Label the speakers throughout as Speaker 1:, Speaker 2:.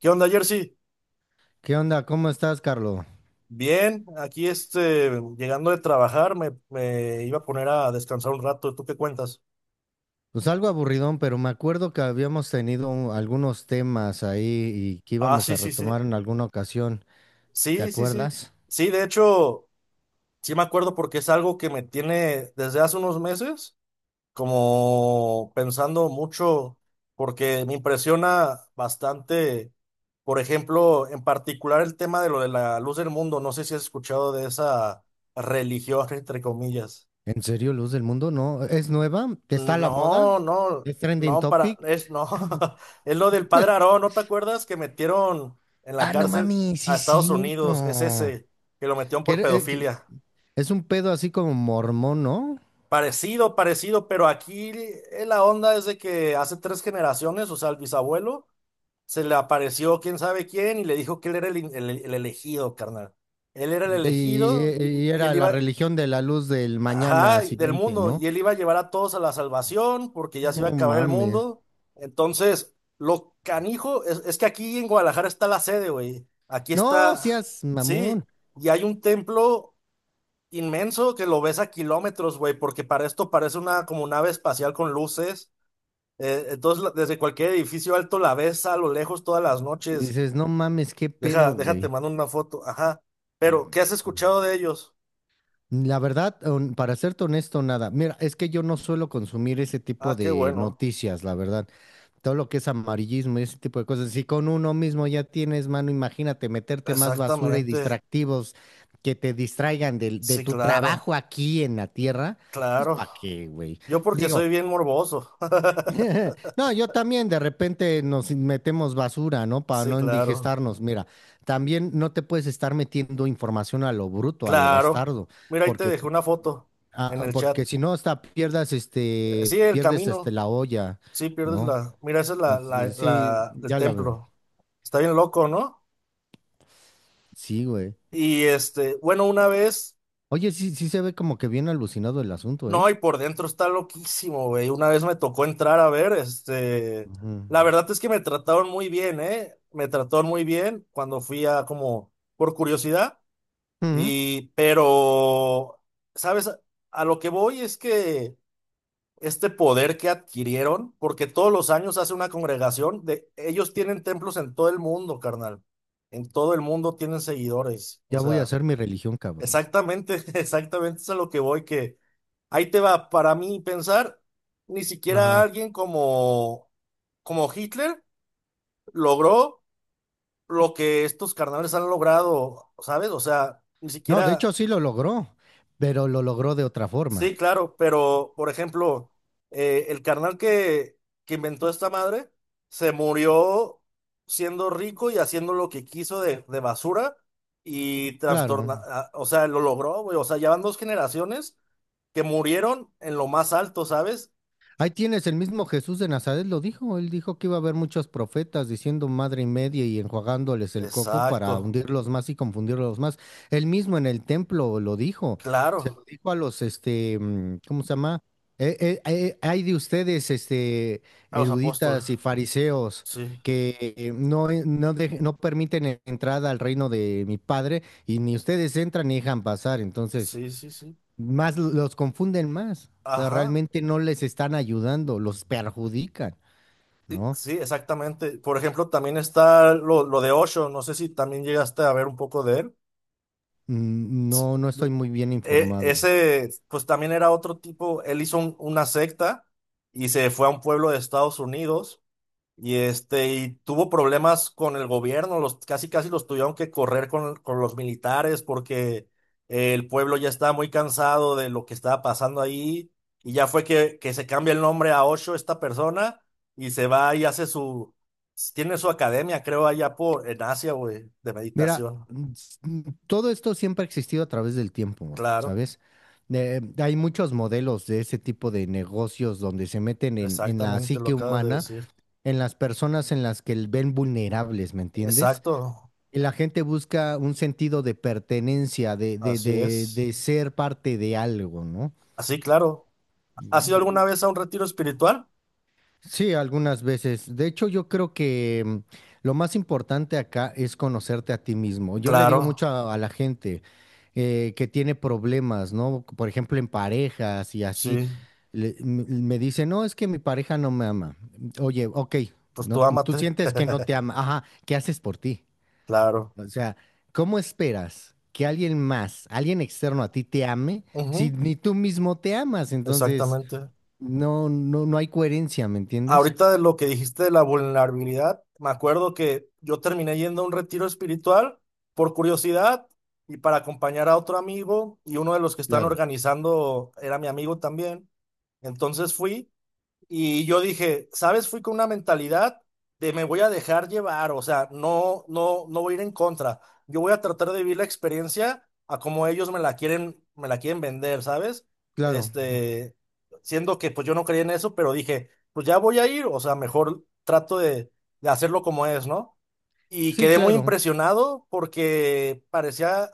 Speaker 1: ¿Qué onda, Jersey?
Speaker 2: ¿Qué onda? ¿Cómo estás, Carlos?
Speaker 1: Bien, aquí llegando de trabajar, me iba a poner a descansar un rato. ¿Tú qué cuentas?
Speaker 2: Pues algo aburridón, pero me acuerdo que habíamos tenido algunos temas ahí y que
Speaker 1: Ah,
Speaker 2: íbamos
Speaker 1: sí,
Speaker 2: a
Speaker 1: sí,
Speaker 2: retomar
Speaker 1: sí.
Speaker 2: en alguna ocasión. ¿Te
Speaker 1: Sí, sí, sí.
Speaker 2: acuerdas?
Speaker 1: Sí, de hecho, sí me acuerdo porque es algo que me tiene desde hace unos meses, como pensando mucho, porque me impresiona bastante, por ejemplo, en particular el tema de lo de la Luz del Mundo. No sé si has escuchado de esa religión, entre comillas.
Speaker 2: ¿En serio, Luz del Mundo? ¿No? ¿Es nueva? ¿Está a la moda?
Speaker 1: No, no,
Speaker 2: ¿Es trending
Speaker 1: no, para,
Speaker 2: topic?
Speaker 1: es, no, es lo del padre Aarón, ¿no te acuerdas que metieron en la
Speaker 2: Ah, no
Speaker 1: cárcel
Speaker 2: mami, sí
Speaker 1: a
Speaker 2: es
Speaker 1: Estados Unidos? Es
Speaker 2: cierto.
Speaker 1: ese, que lo metieron
Speaker 2: Que
Speaker 1: por
Speaker 2: era- eh, que
Speaker 1: pedofilia.
Speaker 2: es un pedo así como mormón, ¿no?
Speaker 1: Parecido, parecido, pero aquí la onda es de que hace tres generaciones, o sea, el bisabuelo, se le apareció quién sabe quién y le dijo que él era el elegido, carnal. Él era el
Speaker 2: Y,
Speaker 1: elegido
Speaker 2: y-
Speaker 1: y,
Speaker 2: y
Speaker 1: y
Speaker 2: era
Speaker 1: él
Speaker 2: la
Speaker 1: iba.
Speaker 2: religión de la luz del
Speaker 1: Ajá,
Speaker 2: mañana
Speaker 1: del
Speaker 2: siguiente,
Speaker 1: mundo.
Speaker 2: ¿no?
Speaker 1: Y él iba a llevar a todos a la salvación porque ya se
Speaker 2: No
Speaker 1: iba a acabar el
Speaker 2: mames.
Speaker 1: mundo. Entonces, lo canijo es que aquí en Guadalajara está la sede, güey. Aquí
Speaker 2: No,
Speaker 1: está,
Speaker 2: seas mamón.
Speaker 1: sí. Y hay un templo inmenso que lo ves a kilómetros, güey, porque para esto parece una como nave espacial con luces. Entonces, la- desde cualquier edificio alto la ves a lo lejos todas las
Speaker 2: Y
Speaker 1: noches.
Speaker 2: dices, no mames, qué pedo,
Speaker 1: Deja, déjate,
Speaker 2: güey.
Speaker 1: mando una foto. Ajá. Pero, ¿qué has escuchado de ellos?
Speaker 2: La verdad, para serte honesto, nada. Mira, es que yo no suelo consumir ese tipo
Speaker 1: Ah, qué
Speaker 2: de
Speaker 1: bueno.
Speaker 2: noticias, la verdad. Todo lo que es amarillismo y ese tipo de cosas. Si con uno mismo ya tienes mano, imagínate meterte más basura y
Speaker 1: Exactamente.
Speaker 2: distractivos que te distraigan de
Speaker 1: Sí,
Speaker 2: tu trabajo
Speaker 1: claro,
Speaker 2: aquí en la tierra. Pues,
Speaker 1: claro.
Speaker 2: ¿para qué, güey?
Speaker 1: Yo porque
Speaker 2: Digo,
Speaker 1: soy bien morboso.
Speaker 2: no, yo también de repente nos metemos basura, ¿no? Para
Speaker 1: Sí,
Speaker 2: no
Speaker 1: claro,
Speaker 2: indigestarnos. Mira, también no te puedes estar metiendo información a lo bruto, a lo
Speaker 1: claro.
Speaker 2: bastardo,
Speaker 1: Mira, ahí te
Speaker 2: porque,
Speaker 1: dejé una foto en el chat.
Speaker 2: porque si no, hasta pierdas este,
Speaker 1: Sí, el
Speaker 2: pierdes este
Speaker 1: camino.
Speaker 2: la olla,
Speaker 1: Sí, pierdes
Speaker 2: ¿no?
Speaker 1: la. Mira, esa es la,
Speaker 2: Entonces, sí,
Speaker 1: el
Speaker 2: ya la veo.
Speaker 1: templo. Está bien loco, ¿no?
Speaker 2: Sí, güey.
Speaker 1: Y bueno, una vez,
Speaker 2: Oye, sí, sí se ve como que bien alucinado el asunto, ¿eh?
Speaker 1: no, y por dentro está loquísimo, güey. Una vez me tocó entrar a ver,
Speaker 2: Ujú.
Speaker 1: la verdad es que me trataron muy bien, ¿eh? Me trataron muy bien cuando fui a como, por curiosidad.
Speaker 2: Ujú.
Speaker 1: Pero, ¿sabes? A lo que voy es que este poder que adquirieron, porque todos los años hace una congregación, de, ellos tienen templos en todo el mundo, carnal. En todo el mundo tienen seguidores. O
Speaker 2: Ya voy a
Speaker 1: sea,
Speaker 2: hacer mi religión, cabrón.
Speaker 1: exactamente, exactamente es a lo que voy, que ahí te va, para mí pensar, ni siquiera
Speaker 2: Ajá.
Speaker 1: alguien como, como Hitler logró lo que estos carnales han logrado, ¿sabes? O sea, ni
Speaker 2: No, de
Speaker 1: siquiera...
Speaker 2: hecho sí lo logró, pero lo logró de otra forma.
Speaker 1: Sí, claro, pero por ejemplo, el carnal que inventó esta madre se murió siendo rico y haciendo lo que quiso de basura y
Speaker 2: Claro.
Speaker 1: trastorna, a- o sea, lo logró, güey, o sea, ya van dos generaciones que murieron en lo más alto, ¿sabes?
Speaker 2: Ahí tienes, el mismo Jesús de Nazaret lo dijo, él dijo que iba a haber muchos profetas diciendo madre y media y enjuagándoles el coco para
Speaker 1: Exacto,
Speaker 2: hundirlos más y confundirlos más. Él mismo en el templo lo dijo, se lo
Speaker 1: claro,
Speaker 2: dijo a los, este, ¿cómo se llama? Hay de ustedes, este,
Speaker 1: a los apóstoles,
Speaker 2: eruditas y fariseos
Speaker 1: sí,
Speaker 2: que no permiten entrada al reino de mi padre y ni ustedes entran ni dejan pasar, entonces
Speaker 1: sí, sí, sí,
Speaker 2: más los confunden más. O sea,
Speaker 1: ajá,
Speaker 2: realmente no les están ayudando, los perjudican,
Speaker 1: sí,
Speaker 2: ¿no?
Speaker 1: sí, exactamente. Por ejemplo, también está lo de Osho, no sé si también llegaste a ver un poco de él.
Speaker 2: Mm,
Speaker 1: Sí.
Speaker 2: no, no estoy
Speaker 1: Du-
Speaker 2: muy bien informado.
Speaker 1: ese, pues también era otro tipo, él hizo una secta y se fue a un pueblo de Estados Unidos y y tuvo problemas con el gobierno, los, casi casi los tuvieron que correr con los militares porque el pueblo ya estaba muy cansado de lo que estaba pasando ahí y ya fue que se cambia el nombre a Osho, esta persona, y se va y hace su, tiene su academia, creo, allá por, en Asia, güey, de
Speaker 2: Mira,
Speaker 1: meditación,
Speaker 2: todo esto siempre ha existido a través del tiempo,
Speaker 1: claro.
Speaker 2: ¿sabes? Hay muchos modelos de ese tipo de negocios donde se meten en la
Speaker 1: Exactamente lo
Speaker 2: psique
Speaker 1: acabas de
Speaker 2: humana,
Speaker 1: decir.
Speaker 2: en las personas en las que ven vulnerables, ¿me entiendes?
Speaker 1: Exacto,
Speaker 2: Y la gente busca un sentido de pertenencia,
Speaker 1: así es.
Speaker 2: de ser parte de algo, ¿no?
Speaker 1: Así, claro. ¿Has ido alguna vez a un retiro espiritual?
Speaker 2: Sí, algunas veces. De hecho, yo creo que lo más importante acá es conocerte a ti mismo. Yo le digo
Speaker 1: Claro,
Speaker 2: mucho a la gente que tiene problemas, ¿no? Por ejemplo, en parejas y así.
Speaker 1: sí,
Speaker 2: Me dice, no, es que mi pareja no me ama. Oye, ok,
Speaker 1: pues
Speaker 2: no,
Speaker 1: tú
Speaker 2: tú
Speaker 1: ámate.
Speaker 2: sientes que no te ama. Ajá, ¿qué haces por ti?
Speaker 1: Claro,
Speaker 2: O sea, ¿cómo esperas que alguien más, alguien externo a ti te ame si
Speaker 1: ujú,
Speaker 2: ni tú mismo te amas? Entonces,
Speaker 1: exactamente.
Speaker 2: no hay coherencia, ¿me entiendes?
Speaker 1: Ahorita de lo que dijiste de la vulnerabilidad, me acuerdo que yo terminé yendo a un retiro espiritual por curiosidad y para acompañar a otro amigo y uno de los que están
Speaker 2: Claro.
Speaker 1: organizando era mi amigo también. Entonces fui. Y yo dije, ¿sabes? Fui con una mentalidad de me voy a dejar llevar, o sea, no, no, no voy a ir en contra. Yo voy a tratar de vivir la experiencia a como ellos me la quieren vender, ¿sabes?
Speaker 2: Claro,
Speaker 1: Este, siendo que pues yo no creía en eso, pero dije, pues ya voy a ir, o sea, mejor trato de hacerlo como es, ¿no? Y
Speaker 2: sí,
Speaker 1: quedé muy
Speaker 2: claro.
Speaker 1: impresionado porque parecía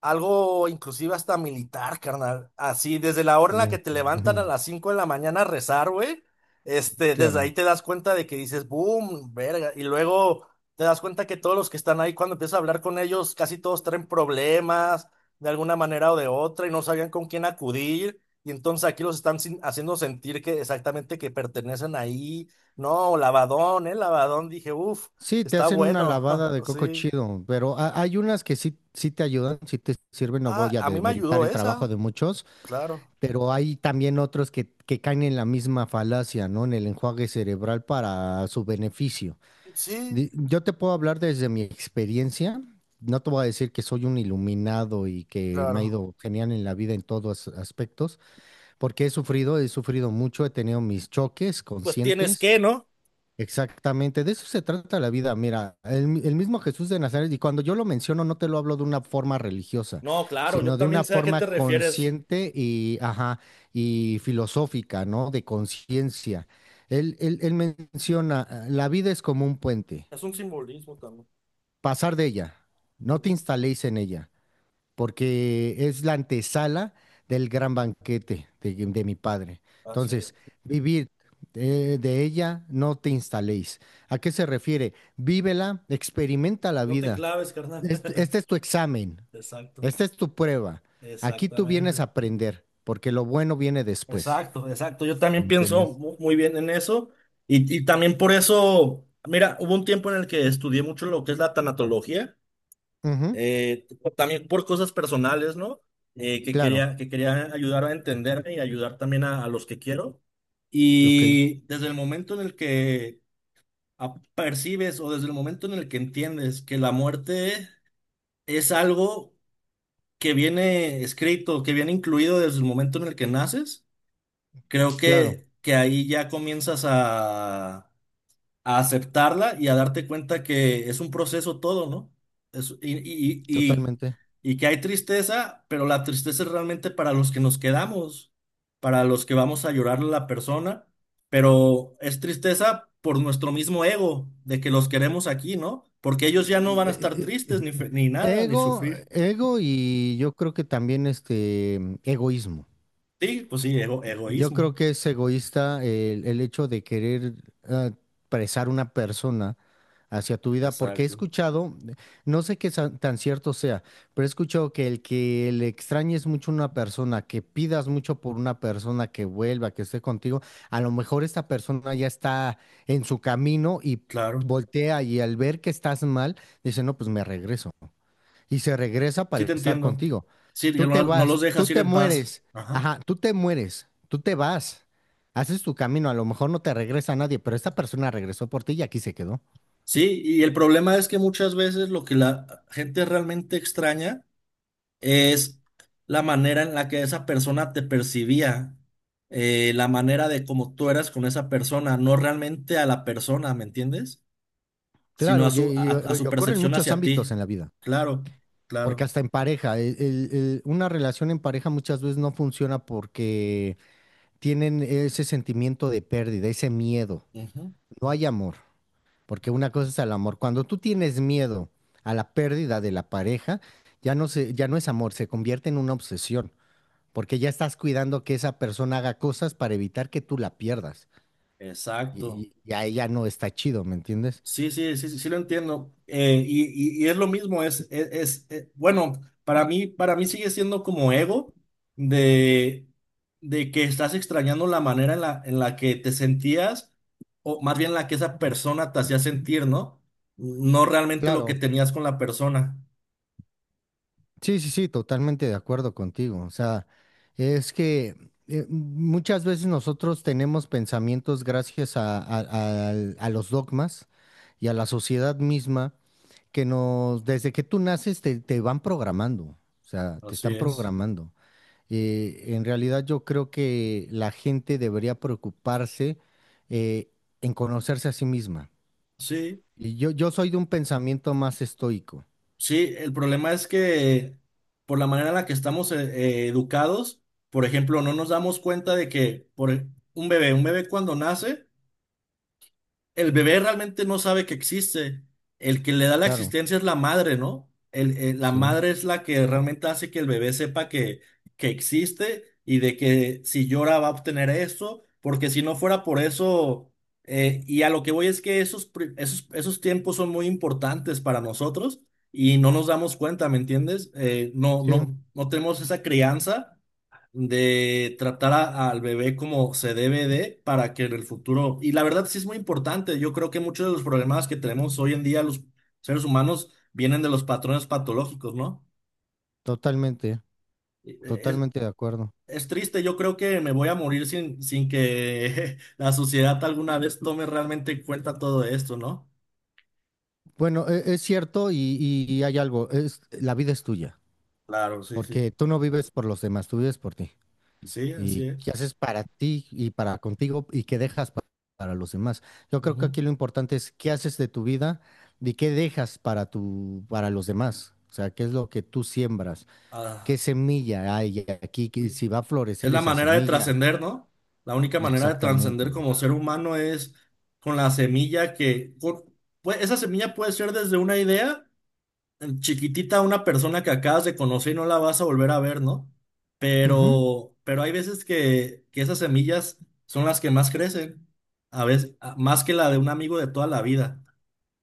Speaker 1: algo inclusive hasta militar, carnal. Así, desde la hora en la
Speaker 2: Sí,
Speaker 1: que te levantan a las 5 de la mañana a rezar, güey. Desde ahí
Speaker 2: claro.
Speaker 1: te das cuenta de que dices, boom, verga. Y luego te das cuenta que todos los que están ahí, cuando empiezas a hablar con ellos, casi todos traen problemas de alguna manera o de otra y no sabían con quién acudir. Y entonces aquí los están sin- haciendo sentir que exactamente que pertenecen ahí. No, lavadón, ¿eh? Lavadón. Dije, uff,
Speaker 2: Sí, te
Speaker 1: está
Speaker 2: hacen una
Speaker 1: bueno.
Speaker 2: lavada de coco
Speaker 1: Sí.
Speaker 2: chido, pero hay unas que sí, sí te ayudan, sí te sirven, no
Speaker 1: Ah,
Speaker 2: voy a
Speaker 1: a mí me
Speaker 2: demeritar
Speaker 1: ayudó
Speaker 2: el trabajo de
Speaker 1: esa,
Speaker 2: muchos,
Speaker 1: claro.
Speaker 2: pero hay también otros que caen en la misma falacia, ¿no? En el enjuague cerebral para su beneficio.
Speaker 1: Sí,
Speaker 2: Yo te puedo hablar desde mi experiencia, no te voy a decir que soy un iluminado y que me ha
Speaker 1: claro.
Speaker 2: ido genial en la vida en todos aspectos, porque he sufrido mucho, he tenido mis choques
Speaker 1: Pues tienes
Speaker 2: conscientes.
Speaker 1: que, ¿no?
Speaker 2: Exactamente, de eso se trata la vida. Mira, el mismo Jesús de Nazaret, y cuando yo lo menciono, no te lo hablo de una forma religiosa,
Speaker 1: No, claro, yo
Speaker 2: sino de
Speaker 1: también
Speaker 2: una
Speaker 1: sé a qué te
Speaker 2: forma
Speaker 1: refieres.
Speaker 2: consciente y, ajá, y filosófica, ¿no? De conciencia. Él menciona, la vida es como un puente,
Speaker 1: Es un simbolismo también.
Speaker 2: pasar de ella, no te
Speaker 1: Ujú.
Speaker 2: instaléis en ella porque es la antesala del gran banquete de mi padre.
Speaker 1: Así
Speaker 2: Entonces,
Speaker 1: es.
Speaker 2: vivir de ella, no te instaléis. ¿A qué se refiere? Vívela, experimenta la
Speaker 1: No te
Speaker 2: vida.
Speaker 1: claves, carnal.
Speaker 2: Este es tu examen,
Speaker 1: Exacto,
Speaker 2: esta es tu prueba. Aquí tú vienes a
Speaker 1: exactamente.
Speaker 2: aprender, porque lo bueno viene después.
Speaker 1: Exacto, exacto. Yo
Speaker 2: ¿Me
Speaker 1: también pienso
Speaker 2: entiendes?
Speaker 1: muy bien en eso. Y también por eso, mira, hubo un tiempo en el que estudié mucho lo que es la tanatología.
Speaker 2: Ujú,
Speaker 1: eh, también por cosas personales, ¿no? Que
Speaker 2: claro,
Speaker 1: quería, que quería ayudar a entenderme y ayudar también a los que quiero.
Speaker 2: ok,
Speaker 1: Y desde el momento en el que a- percibes o desde el momento en el que entiendes que la muerte es algo que viene escrito, que viene incluido desde el momento en el que naces, creo
Speaker 2: claro,
Speaker 1: que ahí ya comienzas a aceptarla y a darte cuenta que es un proceso todo, ¿no? Es- y, y, y,
Speaker 2: totalmente.
Speaker 1: y que hay tristeza, pero la tristeza es realmente para los que nos quedamos, para los que vamos a llorarle a la persona, pero es tristeza por nuestro mismo ego, de que los queremos aquí, ¿no? Porque ellos ya no van a estar
Speaker 2: Eh, eh,
Speaker 1: tristes ni, fe- ni nada, ni
Speaker 2: Ego,
Speaker 1: sufrir.
Speaker 2: ego y yo creo que también este egoísmo.
Speaker 1: Sí, pues sí, ego,
Speaker 2: Yo
Speaker 1: egoísmo.
Speaker 2: creo que es egoísta el hecho de querer ah, presar una persona hacia tu vida, porque he
Speaker 1: Exacto.
Speaker 2: escuchado, no sé qué tan cierto sea, pero he escuchado que el que le extrañes mucho a una persona, que pidas mucho por una persona que vuelva, que esté contigo, a lo mejor esta persona ya está en su camino y
Speaker 1: Claro.
Speaker 2: voltea y al ver que estás mal, dice, no, pues me regreso y se regresa
Speaker 1: Sí
Speaker 2: para
Speaker 1: te
Speaker 2: estar
Speaker 1: entiendo.
Speaker 2: contigo.
Speaker 1: Sí, que
Speaker 2: Tú te
Speaker 1: no, no los
Speaker 2: vas, tú
Speaker 1: dejas ir
Speaker 2: te
Speaker 1: en paz.
Speaker 2: mueres,
Speaker 1: Ajá.
Speaker 2: ajá, tú te mueres, tú te vas, haces tu camino, a lo mejor no te regresa nadie, pero esta persona regresó por ti y aquí se quedó.
Speaker 1: Sí, y el problema es que muchas veces lo que la gente realmente extraña es la manera en la que esa persona te percibía, la manera de cómo tú eras con esa persona, no realmente a la persona, ¿me entiendes? Sino
Speaker 2: Claro,
Speaker 1: a su,
Speaker 2: y ocurre en
Speaker 1: percepción
Speaker 2: muchos
Speaker 1: hacia ti.
Speaker 2: ámbitos en la vida,
Speaker 1: Claro,
Speaker 2: porque
Speaker 1: claro.
Speaker 2: hasta en pareja, una relación en pareja muchas veces no funciona porque tienen ese sentimiento de pérdida, ese miedo,
Speaker 1: Ujú,
Speaker 2: no hay amor. Porque una cosa es el amor. Cuando tú tienes miedo a la pérdida de la pareja, ya no es amor, se convierte en una obsesión, porque ya estás cuidando que esa persona haga cosas para evitar que tú la pierdas. Y,
Speaker 1: exacto.
Speaker 2: y y ahí ya no está chido, ¿me entiendes?
Speaker 1: Sí, sí, sí, sí, sí lo entiendo. Y es lo mismo, bueno, para mí sigue siendo como ego de, de que estás extrañando la manera en la que te sentías, o más bien la que esa persona te hacía sentir, ¿no? No realmente lo que
Speaker 2: Claro,
Speaker 1: tenías con la persona.
Speaker 2: sí, sí, sí, totalmente de acuerdo contigo. O sea, es que muchas veces nosotros tenemos pensamientos gracias a, a- a los dogmas y a la sociedad misma que nos, desde que tú naces te, te van programando, o sea, te
Speaker 1: Así
Speaker 2: están
Speaker 1: es.
Speaker 2: programando. En realidad yo creo que la gente debería preocuparse eh, en conocerse a sí misma.
Speaker 1: Sí,
Speaker 2: Yo soy de un pensamiento más estoico.
Speaker 1: sí, el problema es que por la manera en la que estamos educados, por ejemplo, no nos damos cuenta de que por un bebé cuando nace. El bebé realmente no sabe que existe. El que le da la
Speaker 2: Claro,
Speaker 1: existencia es la madre, ¿no? La
Speaker 2: sí,
Speaker 1: madre es la que realmente hace que el bebé sepa que existe y de que si llora va a obtener eso, porque si no fuera por eso, y a lo que voy es que esos tiempos son muy importantes para nosotros y no nos damos cuenta, ¿me entiendes? No,
Speaker 2: sí,
Speaker 1: no, no tenemos esa crianza de tratar al bebé como se debe de para que en el futuro, y la verdad sí es muy importante, yo creo que muchos de los problemas que tenemos hoy en día los seres humanos vienen de los patrones patológicos, ¿no?
Speaker 2: totalmente,
Speaker 1: E- Es,
Speaker 2: totalmente de acuerdo.
Speaker 1: es triste, yo creo que me voy a morir sin que la sociedad alguna vez tome realmente en cuenta todo esto, ¿no?
Speaker 2: Bueno, es cierto y hay algo, es, la vida es tuya,
Speaker 1: Claro, sí,
Speaker 2: porque
Speaker 1: sí.
Speaker 2: tú no vives por los demás, tú vives por ti.
Speaker 1: Sí,
Speaker 2: Y
Speaker 1: así
Speaker 2: qué
Speaker 1: es.
Speaker 2: haces para ti y para contigo y qué dejas para los demás. Yo creo que
Speaker 1: Ujú.
Speaker 2: aquí lo importante es qué haces de tu vida y qué dejas para tu, para los demás. O sea, qué es lo que tú siembras, qué
Speaker 1: Ah,
Speaker 2: semilla hay aquí, que si va a
Speaker 1: es
Speaker 2: florecer
Speaker 1: la
Speaker 2: esa
Speaker 1: manera de
Speaker 2: semilla.
Speaker 1: trascender, ¿no? La única manera de
Speaker 2: Exactamente.
Speaker 1: trascender como ser humano es con la semilla que, con- pues, esa semilla puede ser desde una idea chiquitita a una persona que acabas de conocer y no la vas a volver a ver, ¿no?
Speaker 2: Ujú.
Speaker 1: Pero hay veces que esas semillas son las que más crecen, a veces, a- más que la de un amigo de toda la vida.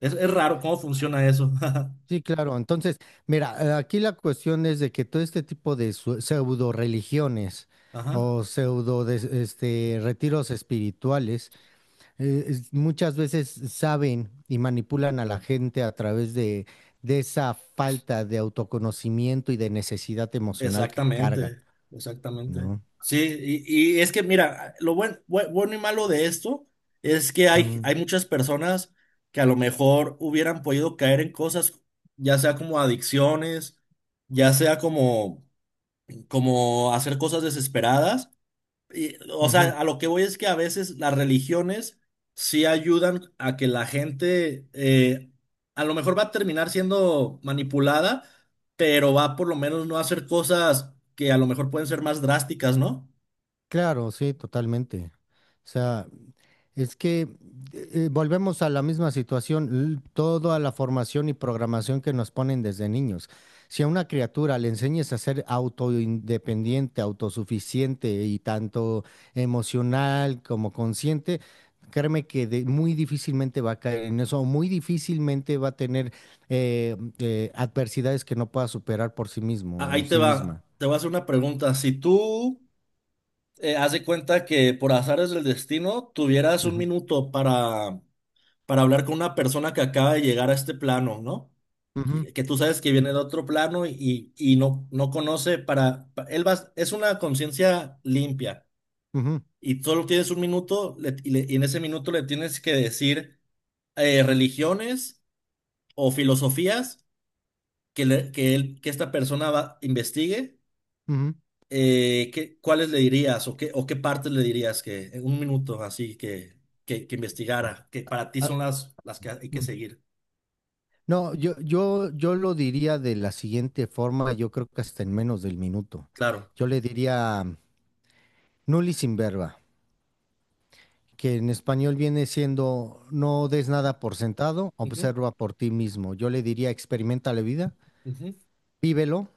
Speaker 1: Es raro cómo funciona eso.
Speaker 2: Sí, claro. Entonces, mira, aquí la cuestión es de que todo este tipo de pseudo religiones
Speaker 1: Ajá.
Speaker 2: o pseudo este, retiros espirituales muchas veces saben y manipulan a la gente a través de esa falta de autoconocimiento y de necesidad emocional que cargan,
Speaker 1: Exactamente, exactamente.
Speaker 2: ¿no?
Speaker 1: Sí, y es que mira, lo bueno y malo de esto es que hay,
Speaker 2: Mm,
Speaker 1: hay muchas personas que a lo mejor hubieran podido caer en cosas, ya sea como adicciones, ya sea como hacer cosas desesperadas, y, o
Speaker 2: ujú.
Speaker 1: sea, a lo que voy es que a veces las religiones sí ayudan a que la gente, a lo mejor va a terminar siendo manipulada, pero va por lo menos no a hacer cosas que a lo mejor pueden ser más drásticas, ¿no?
Speaker 2: Claro, sí, totalmente. O sea, es que volvemos a la misma situación, toda la formación y programación que nos ponen desde niños. Si a una criatura le enseñas a ser autoindependiente, autosuficiente y tanto emocional como consciente, créeme que muy difícilmente va a caer en eso, o muy difícilmente va a tener adversidades que no pueda superar por sí mismo o
Speaker 1: Ahí te
Speaker 2: sí
Speaker 1: va,
Speaker 2: misma.
Speaker 1: te voy a hacer una pregunta. Si tú haz de cuenta que por azares del destino tuvieras un
Speaker 2: Ujú,
Speaker 1: minuto para hablar con una persona que acaba de llegar a este plano, ¿no?
Speaker 2: ujú,
Speaker 1: Y que tú sabes que viene de otro plano y no conoce para, es una conciencia limpia
Speaker 2: ujú,
Speaker 1: y solo tienes un minuto y en ese minuto le tienes que decir religiones o filosofías que, le- que, él, que esta persona investigue,
Speaker 2: ujú.
Speaker 1: cuáles le dirías o qué partes le dirías que en un minuto así que investigara, que para ti
Speaker 2: Ah,
Speaker 1: son las que hay que seguir.
Speaker 2: no, yo lo diría de la siguiente forma, yo creo que hasta en menos del minuto.
Speaker 1: Claro.
Speaker 2: Yo le diría nulli in verba, que en español viene siendo no des nada por sentado,
Speaker 1: Ujú,
Speaker 2: observa por ti mismo. Yo le diría experimenta la vida,
Speaker 1: ujú.
Speaker 2: vívelo,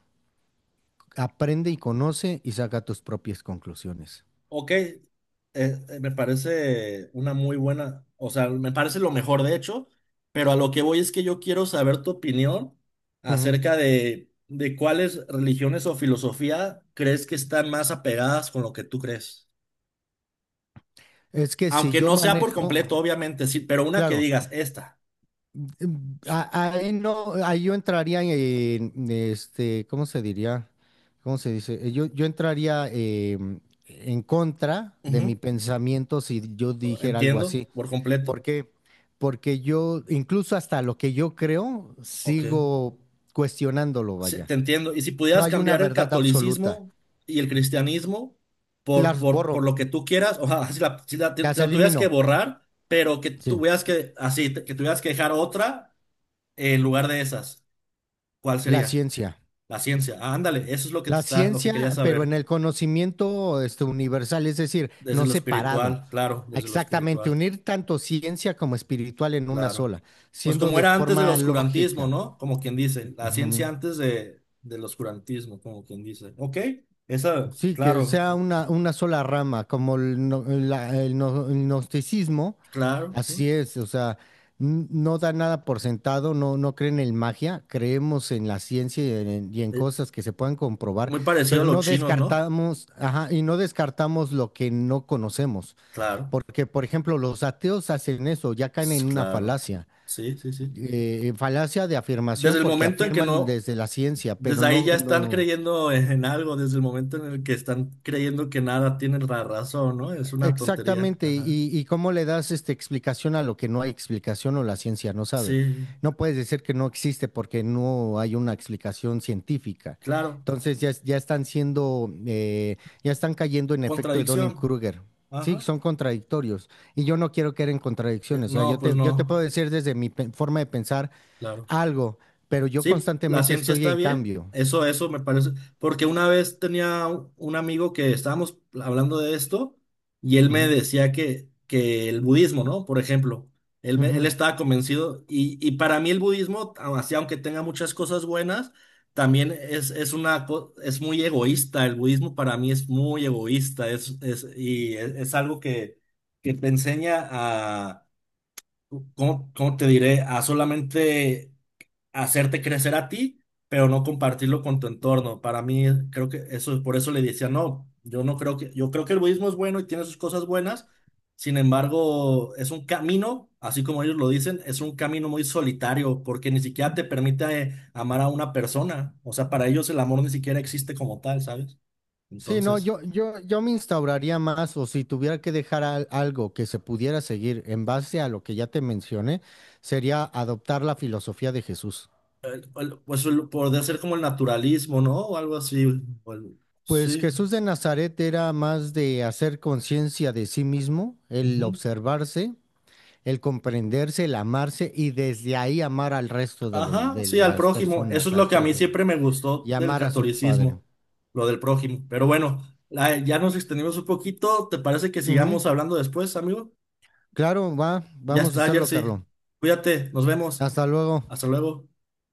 Speaker 2: aprende y conoce y saca tus propias conclusiones.
Speaker 1: Ok, me parece una muy buena, o sea, me parece lo mejor de hecho, pero a lo que voy es que yo quiero saber tu opinión
Speaker 2: Ujú.
Speaker 1: acerca de cuáles religiones o filosofía crees que están más apegadas con lo que tú crees.
Speaker 2: Es que si
Speaker 1: Aunque
Speaker 2: yo
Speaker 1: no sea por
Speaker 2: manejo,
Speaker 1: completo, obviamente, sí, pero una que
Speaker 2: claro,
Speaker 1: digas, esta.
Speaker 2: mm, ahí no, ahí yo entraría en, este, ¿cómo se diría? ¿Cómo se dice? Yo entraría em, en contra de mi pensamiento si yo
Speaker 1: Ujú.
Speaker 2: dijera algo
Speaker 1: Entiendo,
Speaker 2: así.
Speaker 1: por completo.
Speaker 2: ¿Por qué? Porque yo, incluso hasta lo que yo creo,
Speaker 1: Ok.
Speaker 2: sigo cuestionándolo,
Speaker 1: Sí,
Speaker 2: vaya.
Speaker 1: te entiendo. Y si
Speaker 2: No
Speaker 1: pudieras
Speaker 2: hay una
Speaker 1: cambiar el
Speaker 2: verdad absoluta.
Speaker 1: catolicismo y el cristianismo por,
Speaker 2: Las
Speaker 1: por, por lo
Speaker 2: borro,
Speaker 1: que tú quieras, o sea, si
Speaker 2: las
Speaker 1: la tuvieras que
Speaker 2: elimino.
Speaker 1: borrar, pero que
Speaker 2: Sí.
Speaker 1: tuvieras que, así, que tuvieras que dejar otra en lugar de esas, ¿cuál
Speaker 2: La
Speaker 1: sería?
Speaker 2: ciencia.
Speaker 1: La ciencia. Ah, ándale, eso es lo que te
Speaker 2: La
Speaker 1: está, lo que quería
Speaker 2: ciencia, pero en
Speaker 1: saber.
Speaker 2: el conocimiento este, universal, es decir,
Speaker 1: Desde
Speaker 2: no
Speaker 1: lo
Speaker 2: separado.
Speaker 1: espiritual, claro, desde lo
Speaker 2: Exactamente,
Speaker 1: espiritual,
Speaker 2: unir tanto ciencia como espiritual en una
Speaker 1: claro.
Speaker 2: sola,
Speaker 1: Pues
Speaker 2: siendo
Speaker 1: como
Speaker 2: de
Speaker 1: era antes del
Speaker 2: forma
Speaker 1: oscurantismo,
Speaker 2: lógica.
Speaker 1: ¿no? Como quien dice, la ciencia
Speaker 2: Ujú.
Speaker 1: antes de, del oscurantismo, como quien dice. Ok, esa,
Speaker 2: Sí, que
Speaker 1: claro,
Speaker 2: sea una sola rama, como el, no- la- el no- el gnosticismo,
Speaker 1: claro, sí.
Speaker 2: así es, o sea, no da nada por sentado, no, no creen en magia, creemos en la ciencia y en
Speaker 1: Eh,
Speaker 2: cosas que se puedan comprobar,
Speaker 1: Muy parecido a
Speaker 2: pero
Speaker 1: los
Speaker 2: no
Speaker 1: chinos, ¿no?
Speaker 2: descartamos, ajá, y no descartamos lo que no conocemos,
Speaker 1: Claro,
Speaker 2: porque, por ejemplo, los ateos hacen eso, ya caen en una
Speaker 1: claro.
Speaker 2: falacia,
Speaker 1: Sí, sí, sí.
Speaker 2: falacia de
Speaker 1: Desde
Speaker 2: afirmación
Speaker 1: el
Speaker 2: porque
Speaker 1: momento en que
Speaker 2: afirman
Speaker 1: no,
Speaker 2: desde la ciencia, pero
Speaker 1: desde ahí
Speaker 2: no,
Speaker 1: ya están
Speaker 2: no.
Speaker 1: creyendo en algo, desde el momento en el que están creyendo que nada tienen la razón, ¿no? Es una tontería.
Speaker 2: Exactamente,
Speaker 1: Ajá.
Speaker 2: y cómo le das esta explicación a lo que no hay explicación o la ciencia no sabe.
Speaker 1: Sí,
Speaker 2: No puedes decir que no existe porque no hay una explicación científica.
Speaker 1: claro.
Speaker 2: Entonces ya, ya están siendo, ya están cayendo en efecto de
Speaker 1: Contradicción.
Speaker 2: Dunning-Kruger. Sí,
Speaker 1: Ajá.
Speaker 2: son contradictorios. Y yo no quiero caer en contradicciones. O sea,
Speaker 1: No, pues
Speaker 2: yo te
Speaker 1: no.
Speaker 2: puedo decir desde mi forma de pensar
Speaker 1: Claro.
Speaker 2: algo, pero yo
Speaker 1: Sí, la
Speaker 2: constantemente
Speaker 1: ciencia
Speaker 2: estoy
Speaker 1: está
Speaker 2: en
Speaker 1: bien.
Speaker 2: cambio.
Speaker 1: Eso me parece. Porque una vez tenía un amigo que estábamos hablando de esto y él me decía que el budismo, ¿no? Por ejemplo,
Speaker 2: Ujú, ujú.
Speaker 1: él estaba convencido y para mí el budismo, así aunque tenga muchas cosas buenas, también es muy egoísta. El budismo para mí es muy egoísta. Es algo que te enseña a, ¿cómo, cómo te diré? A solamente hacerte crecer a ti, pero no compartirlo con tu entorno. Para mí, creo que eso, por eso le decía, no, yo no creo yo creo que el budismo es bueno y tiene sus cosas buenas, sin embargo, es un camino, así como ellos lo dicen, es un camino muy solitario, porque ni siquiera te permite amar a una persona. O sea, para ellos el amor ni siquiera existe como tal, ¿sabes?
Speaker 2: Sí, no,
Speaker 1: Entonces,
Speaker 2: yo me instauraría más, o si tuviera que dejar algo que se pudiera seguir en base a lo que ya te mencioné, sería adoptar la filosofía de Jesús.
Speaker 1: podría ser como el naturalismo, ¿no? O algo así.
Speaker 2: Pues
Speaker 1: Sí.
Speaker 2: Jesús de Nazaret era más de hacer conciencia de sí mismo, el observarse, el comprenderse, el amarse y desde ahí amar al resto de los,
Speaker 1: Ajá,
Speaker 2: de
Speaker 1: sí, al
Speaker 2: las
Speaker 1: prójimo. Eso
Speaker 2: personas,
Speaker 1: es
Speaker 2: al
Speaker 1: lo que a mí
Speaker 2: prójimo,
Speaker 1: siempre me gustó
Speaker 2: y
Speaker 1: del
Speaker 2: amar a su padre.
Speaker 1: catolicismo, lo del prójimo. Pero bueno, ya nos extendimos un poquito. ¿Te parece que
Speaker 2: Ujú.
Speaker 1: sigamos hablando después, amigo?
Speaker 2: Claro, va,
Speaker 1: Ya
Speaker 2: vamos a
Speaker 1: está,
Speaker 2: hacerlo,
Speaker 1: Jersey.
Speaker 2: Carlos.
Speaker 1: Cuídate, nos vemos.
Speaker 2: Hasta luego.
Speaker 1: Hasta luego.